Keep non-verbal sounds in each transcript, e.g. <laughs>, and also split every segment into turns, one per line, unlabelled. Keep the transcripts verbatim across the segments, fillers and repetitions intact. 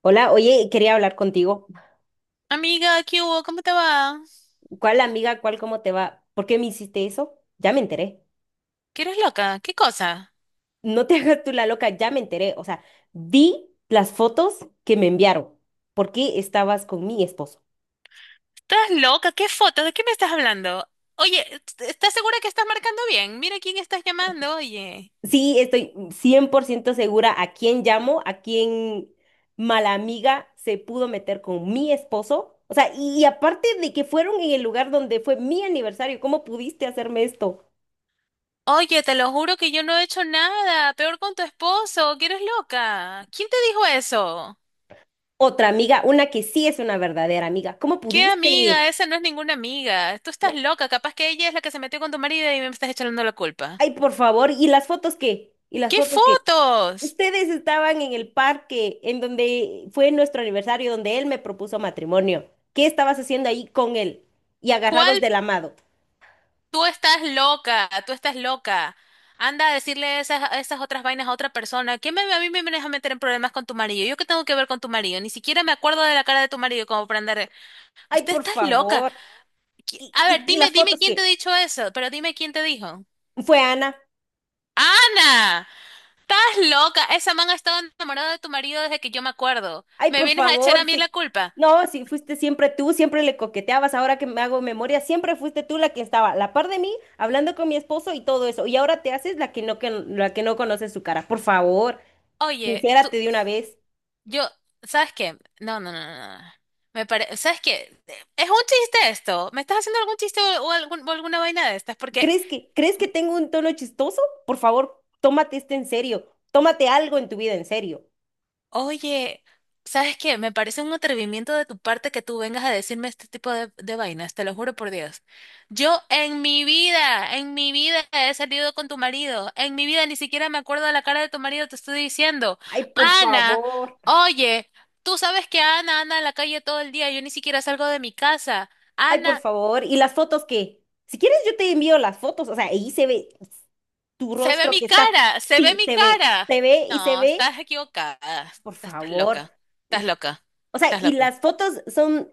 Hola, oye, quería hablar contigo.
Amiga, ¿qué hubo? ¿Cómo te va?
¿Cuál amiga, cuál, cómo te va? ¿Por qué me hiciste eso? Ya me enteré.
¿Qué eres loca? ¿Qué cosa?
No te <laughs> hagas tú la loca, ya me enteré. O sea, vi las fotos que me enviaron. ¿Por qué estabas con mi esposo?
¿Estás loca? ¿Qué foto? ¿De qué me estás hablando? Oye, ¿est- ¿estás segura que estás marcando bien? Mira quién estás llamando, oye.
Sí, estoy cien por ciento segura a quién llamo, a quién mala amiga se pudo meter con mi esposo. O sea, y, y aparte de que fueron en el lugar donde fue mi aniversario, ¿cómo pudiste hacerme esto?
Oye, te lo juro que yo no he hecho nada. Peor con tu esposo. ¿Qué eres loca? ¿Quién te dijo eso?
Otra amiga, una que sí es una verdadera amiga, ¿cómo
¿Qué
pudiste?
amiga? Esa no es ninguna amiga. Tú estás loca. Capaz que ella es la que se metió con tu marido y me estás echando la culpa.
Ay, por favor, ¿y las fotos qué? ¿Y las
¿Qué
fotos qué?
fotos?
Ustedes estaban en el parque en donde fue nuestro aniversario, donde él me propuso matrimonio. ¿Qué estabas haciendo ahí con él? Y
¿Cuál?
agarrados del amado.
Tú estás loca, tú estás loca. Anda a decirle esas, esas otras vainas a otra persona. ¿Quién me, ¿a mí me vienes a meter en problemas con tu marido? ¿Yo qué tengo que ver con tu marido? Ni siquiera me acuerdo de la cara de tu marido como para andar.
Ay,
Usted
por
está loca.
favor.
Qui-
¿Y,
A
y,
ver,
y
dime,
las
dime
fotos
quién te ha
qué?
dicho eso, pero dime quién te dijo.
Fue Ana.
¡Ana! ¡Estás loca! Esa man ha estado enamorada de tu marido desde que yo me acuerdo.
Ay,
¿Me
por
vienes a echar
favor,
a mí la
sí.
culpa?
No, sí, fuiste siempre tú, siempre le coqueteabas. Ahora que me hago memoria, siempre fuiste tú la que estaba a la par de mí, hablando con mi esposo y todo eso. Y ahora te haces la que no, que, la que no conoce su cara. Por favor,
Oye, tú,
sincérate de una vez.
yo, ¿sabes qué? No, no, no, no, no. Me parece, ¿sabes qué? Es un chiste esto. ¿Me estás haciendo algún chiste o, o algún- o alguna vaina de estas? Porque,
¿Crees que, crees que tengo un tono chistoso? Por favor, tómate esto en serio. Tómate algo en tu vida en serio.
oye, ¿sabes qué? Me parece un atrevimiento de tu parte que tú vengas a decirme este tipo de, de vainas, te lo juro por Dios. Yo en mi vida, en mi vida he salido con tu marido. En mi vida ni siquiera me acuerdo de la cara de tu marido, te estoy diciendo.
Ay, por
Ana,
favor.
oye, tú sabes que Ana anda en la calle todo el día, yo ni siquiera salgo de mi casa.
Ay, por
Ana.
favor. ¿Y las fotos qué? Si quieres, yo te envío las fotos. O sea, ahí se ve tu
Se ve
rostro
mi
que está.
cara, se ve
Sí,
mi
se ve.
cara.
Se ve y se
No,
ve.
estás equivocada.
Por
Estás
favor.
loca, estás
Y-
loca,
o sea,
estás
y
loca.
las fotos son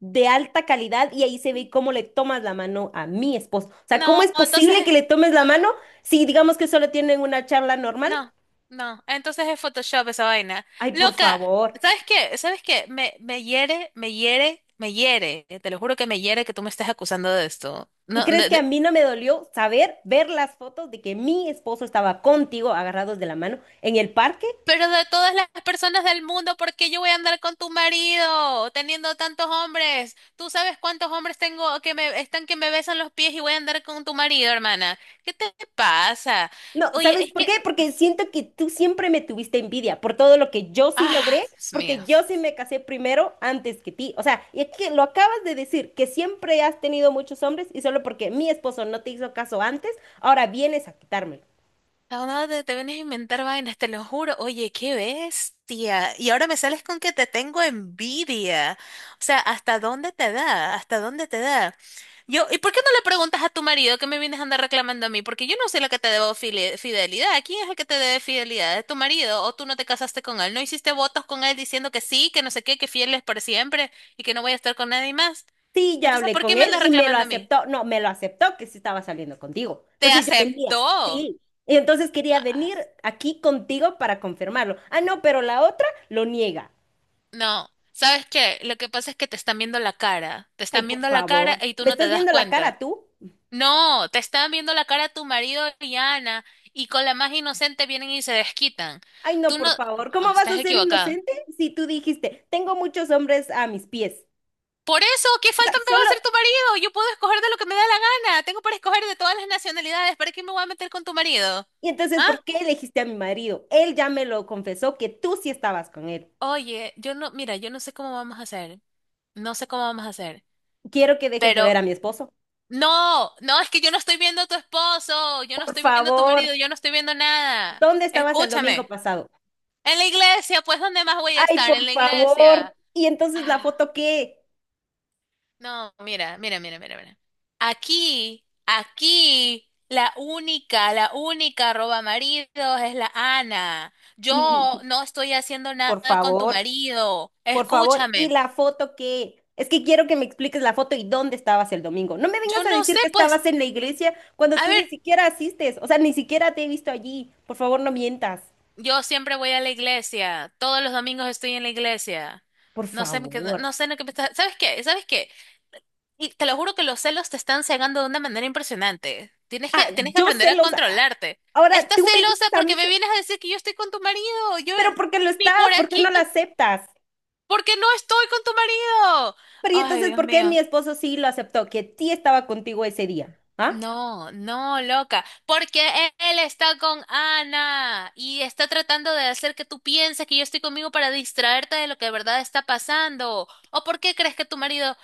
de alta calidad y ahí se ve cómo le tomas la mano a mi esposo. O sea, ¿cómo
No,
es
entonces...
posible que le tomes
No,
la mano
no,
si digamos que solo tienen una charla normal?
no. No, no. Entonces es Photoshop esa vaina.
Ay, por
Loca,
favor.
¿sabes qué? ¿Sabes qué? Me, me hiere, me hiere, me hiere. Te lo juro que me hiere que tú me estés acusando de esto.
¿Y
No, no.
crees que a mí no me dolió saber, ver las fotos de que mi esposo estaba contigo agarrados de la mano en el parque?
Pero de todas las personas del mundo, ¿por qué yo voy a andar con tu marido teniendo tantos hombres? ¿Tú sabes cuántos hombres tengo que me están que me besan los pies y voy a andar con tu marido, hermana? ¿Qué te pasa?
No,
Oye,
¿sabes
es
por
que,
qué? Porque siento que tú siempre me tuviste envidia por todo lo que yo sí
ah,
logré,
Dios mío.
porque yo sí me casé primero antes que ti. O sea, y es que lo acabas de decir, que siempre has tenido muchos hombres y solo porque mi esposo no te hizo caso antes, ahora vienes a quitármelo.
No, dónde te, te vienes a inventar vainas, te lo juro. Oye, qué bestia. Y ahora me sales con que te tengo envidia. O sea, ¿hasta dónde te da? ¿Hasta dónde te da? Yo, ¿y por qué no le preguntas a tu marido que me vienes a andar reclamando a mí? Porque yo no soy la que te debo fili- fidelidad. ¿Quién es el que te debe fidelidad? ¿Es tu marido? ¿O tú no te casaste con él? ¿No hiciste votos con él diciendo que sí, que no sé qué, que fieles por siempre y que no voy a estar con nadie más?
Sí, ya
Entonces,
hablé
¿por qué
con
me
él
andas
y me lo
reclamando a mí?
aceptó. No, me lo aceptó que sí estaba saliendo contigo.
Te
Entonces yo venía,
aceptó.
sí. Y entonces quería venir aquí contigo para confirmarlo. Ah, no, pero la otra lo niega.
No, ¿sabes qué? Lo que pasa es que te están viendo la cara, te
Ay,
están
por
viendo la cara
favor.
y tú
¿Me
no te
estás
das
viendo la
cuenta.
cara tú?
No, te están viendo la cara tu marido y Ana, y con la más inocente vienen y se desquitan.
Ay, no,
Tú no,
por favor.
No,
¿Cómo vas a
estás
ser
equivocada.
inocente si tú dijiste, tengo muchos hombres a mis pies?
Por eso, ¿qué
O sea,
falta me va a
solo...
hacer tu marido? Yo puedo escoger de lo que me da la gana. Tengo para escoger de todas las nacionalidades. ¿Para qué me voy a meter con tu marido?
Y entonces,
¿Ah?
¿por qué elegiste a mi marido? Él ya me lo confesó que tú sí estabas con él.
Oye, yo no, mira, yo no sé cómo vamos a hacer. No sé cómo vamos a hacer.
Quiero que dejes de ver
Pero
a mi esposo.
no, no, es que yo no estoy viendo a tu esposo, yo no
Por
estoy viendo a tu marido,
favor,
yo no estoy viendo nada.
¿dónde estabas el
Escúchame.
domingo pasado?
En la iglesia, pues, ¿dónde más voy a
Ay,
estar? En
por
la
favor.
iglesia.
¿Y entonces la
Ah,
foto qué?
no, mira, mira, mira, mira, mira. Aquí, aquí, la única, la única roba maridos es la Ana. Yo
<laughs>
no estoy haciendo
Por
nada con tu
favor,
marido.
por favor. ¿Y
Escúchame.
la foto qué? Es que quiero que me expliques la foto y dónde estabas el domingo. No me vengas
Yo
a
no
decir
sé,
que
pues,
estabas en la iglesia cuando
a
tú ni
ver.
siquiera asistes. O sea, ni siquiera te he visto allí. Por favor, no mientas.
Yo siempre voy a la iglesia, todos los domingos estoy en la iglesia.
Por
No sé, qué-
favor.
no sé lo que me está... ¿Sabes qué? ¿Sabes qué? Y te lo juro que los celos te están cegando de una manera impresionante. Tienes
Ah,
que, tienes que
yo
aprender a
celosa.
controlarte.
Ahora
Estás
tú me
celosa
dices a mí,
porque me
ce-
vienes a decir que yo estoy con tu marido. Yo
pero ¿por qué lo
ni
estás?
por
¿Por qué
aquí,
no lo aceptas?
porque no estoy con tu marido.
Pero ¿y
Ay,
entonces
Dios
por qué mi
mío.
esposo sí lo aceptó? Que sí estaba contigo ese día. ¿Ah?
No, no, loca, porque e- él está con Ana y está tratando de hacer que tú pienses que yo estoy conmigo para distraerte de lo que de verdad está pasando. ¿O por qué crees que tu marido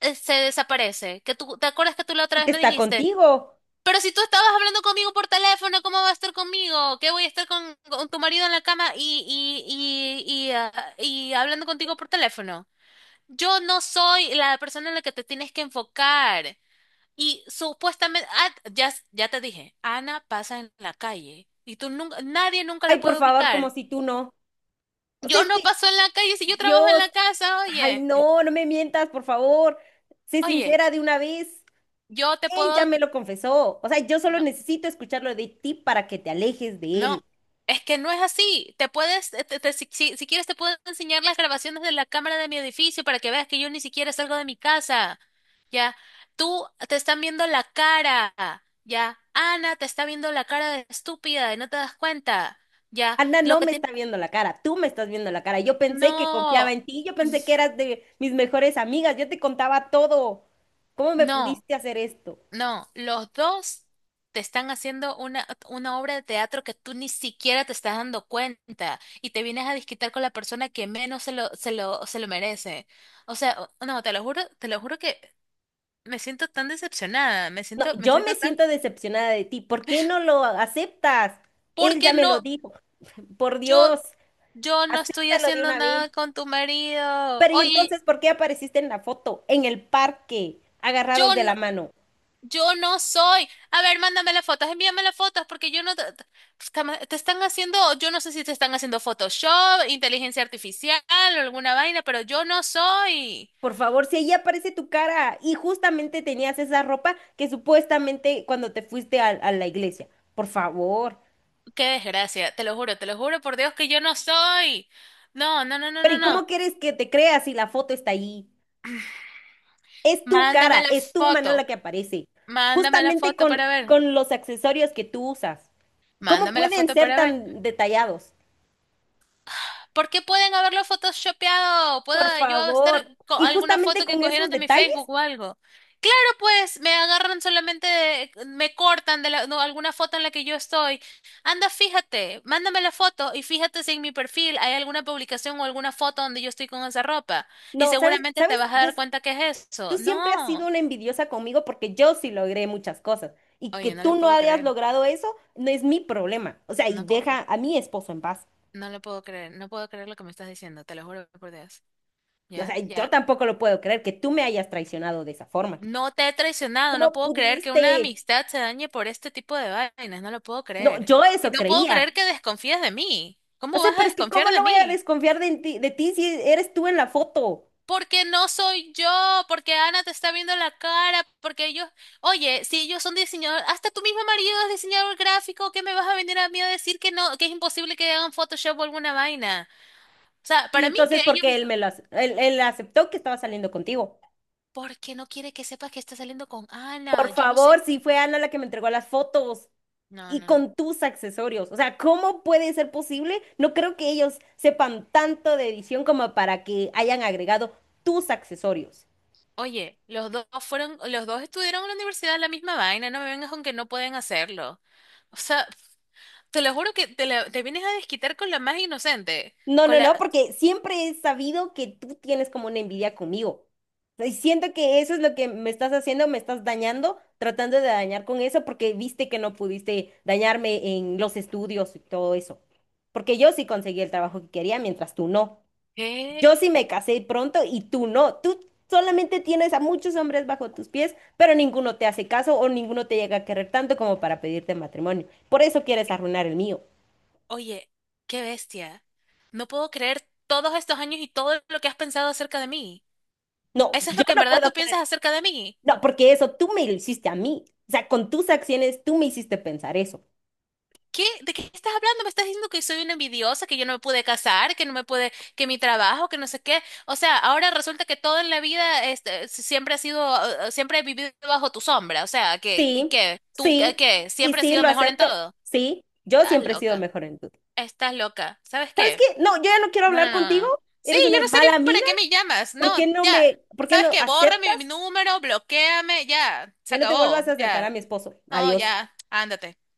eh, se desaparece? Que tú, ¿te acuerdas que tú la otra vez
Porque
me
está
dijiste?
contigo.
Pero si tú estabas hablando conmigo por teléfono, ¿cómo va a estar conmigo? ¿Qué voy a estar con, con tu marido en la cama y, y, y, y, ah, y hablando contigo por teléfono? Yo no soy la persona en la que te tienes que enfocar. Y supuestamente, ah, ya, ya te dije, Ana pasa en la calle y tú nunca, nadie nunca
Ay,
la
por
puede
favor, como
ubicar.
si tú no. O sea,
Yo
es
no
que,
paso en la calle si yo trabajo en
Dios,
la casa,
ay,
oye,
no, no me mientas, por favor. Sé
oye,
sincera de una vez.
yo te
Él ya
puedo,
me lo confesó. O sea, yo solo
no,
necesito escucharlo de ti para que te alejes de él.
no, es que no es así. Te puedes, eh, te- te- si, si- si quieres te puedo enseñar las grabaciones de la cámara de mi edificio para que veas que yo ni siquiera salgo de mi casa. Ya, tú te están viendo la cara, ya, Ana te está viendo la cara de estúpida y no te das cuenta. Ya,
Ana
lo
no
que
me está viendo la cara, tú me estás viendo la cara. Yo pensé que confiaba
no,
en ti, yo pensé que
<clears throat>
eras de mis mejores amigas, yo te contaba todo. ¿Cómo me
no,
pudiste hacer esto?
no. Los dos te están haciendo una, una obra de teatro que tú ni siquiera te estás dando cuenta y te vienes a disquitar con la persona que menos se lo, se lo, se lo merece. O sea, o- no, te lo juro, te lo juro que me siento tan decepcionada, me
No,
siento, me
yo me
siento tan...
siento decepcionada de ti. ¿Por qué no lo aceptas? Él
Porque
ya me lo
no,
dijo. <laughs> Por
yo,
Dios.
yo no estoy
Acéptalo de
haciendo
una vez.
nada con tu marido.
Pero ¿y
Oye,
entonces por qué apareciste en la foto, en el parque, agarrados
yo
de la
no,
mano?
yo no soy. A ver, mándame las fotos, envíame las fotos, porque yo no... Te, pues, cama- te están haciendo, yo no sé si te están haciendo Photoshop, inteligencia artificial o alguna vaina, pero yo no soy.
Por favor, si ahí aparece tu cara y justamente tenías esa ropa que supuestamente cuando te fuiste a, a la iglesia. Por favor.
Qué desgracia, te lo juro, te lo juro por Dios que yo no soy. No, no, no, no,
Pero
no,
¿y
no.
cómo quieres que te creas si la foto está ahí? Es tu
Mándame
cara,
la
es tu mano la
foto,
que aparece.
mándame la
Justamente
foto
con,
para ver,
con los accesorios que tú usas. ¿Cómo
mándame la
pueden
foto
ser
para ver.
tan detallados?
¿Por qué pueden haberlo photoshopeado?
Por
¿Puedo yo estar
favor.
con
Y
alguna
justamente
foto que
con
cogieron
esos
de mi
detalles.
Facebook o algo? Claro, pues me agarran solamente, de- me cortan de la- no, alguna foto en la que yo estoy. Anda, fíjate, mándame la foto y fíjate si en mi perfil hay alguna publicación o alguna foto donde yo estoy con esa ropa. Y
No, ¿sabes?
seguramente
¿Sabes?
te vas a
Yo,
dar cuenta que es
tú
eso.
siempre has sido
No.
una envidiosa conmigo porque yo sí logré muchas cosas. Y que
Oye, no
tú
lo
no
puedo
hayas
creer.
logrado eso no es mi problema. O sea, y
No, po-
deja a mi esposo en paz.
no lo puedo creer. No puedo creer lo que me estás diciendo. Te lo juro por Dios.
O
Ya,
sea, yo
ya.
tampoco lo puedo creer que tú me hayas traicionado de esa forma.
No te he traicionado, no
¿Cómo
puedo creer que una
pudiste?
amistad se dañe por este tipo de vainas, no lo puedo
No,
creer.
yo
Y
eso
no puedo
creía.
creer que desconfíes de mí.
O
¿Cómo
sea,
vas a
pero es que
desconfiar
¿cómo
de
no voy a
mí?
desconfiar de ti, de ti si eres tú en la foto?
Porque no soy yo, porque Ana te está viendo la cara, porque ellos, oye, si ellos son diseñadores, hasta tu mismo marido es diseñador gráfico, ¿qué me vas a venir a mí a decir que no, que es imposible que hagan Photoshop o alguna vaina? O sea,
Y
para mí
entonces,
que
¿por
ellos,
qué él me lo, ac- él él aceptó que estaba saliendo contigo?
¿por qué no quiere que sepas que está saliendo con
Por
Ana? Yo no sé.
favor, si fue Ana la que me entregó las fotos,
No,
y
no, no.
con tus accesorios. O sea, ¿cómo puede ser posible? No creo que ellos sepan tanto de edición como para que hayan agregado tus accesorios.
Oye, los dos fueron, los dos estudiaron en la universidad la misma vaina, no me vengas con que no pueden hacerlo. O sea, te lo juro que te, la- te vienes a desquitar con la más inocente,
No,
con
no,
la...
no, porque siempre he sabido que tú tienes como una envidia conmigo. Y siento que eso es lo que me estás haciendo, me estás dañando, tratando de dañar con eso, porque viste que no pudiste dañarme en los estudios y todo eso. Porque yo sí conseguí el trabajo que quería, mientras tú no.
¿Qué?
Yo sí me casé pronto y tú no. Tú solamente tienes a muchos hombres bajo tus pies, pero ninguno te hace caso o ninguno te llega a querer tanto como para pedirte matrimonio. Por eso quieres arruinar el mío.
Oye, qué bestia. No puedo creer todos estos años y todo lo que has pensado acerca de mí.
No,
¿Eso es
yo
lo que en
no
verdad
puedo
tú piensas
creer.
acerca de mí?
No, porque eso tú me lo hiciste a mí. O sea, con tus acciones tú me hiciste pensar eso.
¿Qué? ¿De qué estás hablando? Me estás diciendo que soy una envidiosa, que yo no me pude casar, que no me pude, que mi trabajo, que no sé qué. O sea, ahora resulta que todo en la vida este, siempre ha sido, eh, siempre he vivido bajo tu sombra. O sea, que, que,
Sí,
que tú, que,
sí,
que
y
siempre has
sí,
sido
lo
mejor en
acepto.
todo.
Sí, yo
Estás
siempre he sido
loca,
mejor en tú.
estás loca. ¿Sabes
¿Sabes
qué?
qué? No, yo ya no quiero
No,
hablar
no, no,
contigo.
no. Sí,
Eres
yo
una
no sé
mala
ni para
amiga.
qué me llamas. No,
¿Por qué no
ya.
me, por qué
¿Sabes
no
qué? Borra
aceptas?
mi, mi número, bloquéame, ya. Se
Ya no te vuelvas
acabó,
a acercar a
ya.
mi esposo.
No,
Adiós.
ya. Ándate.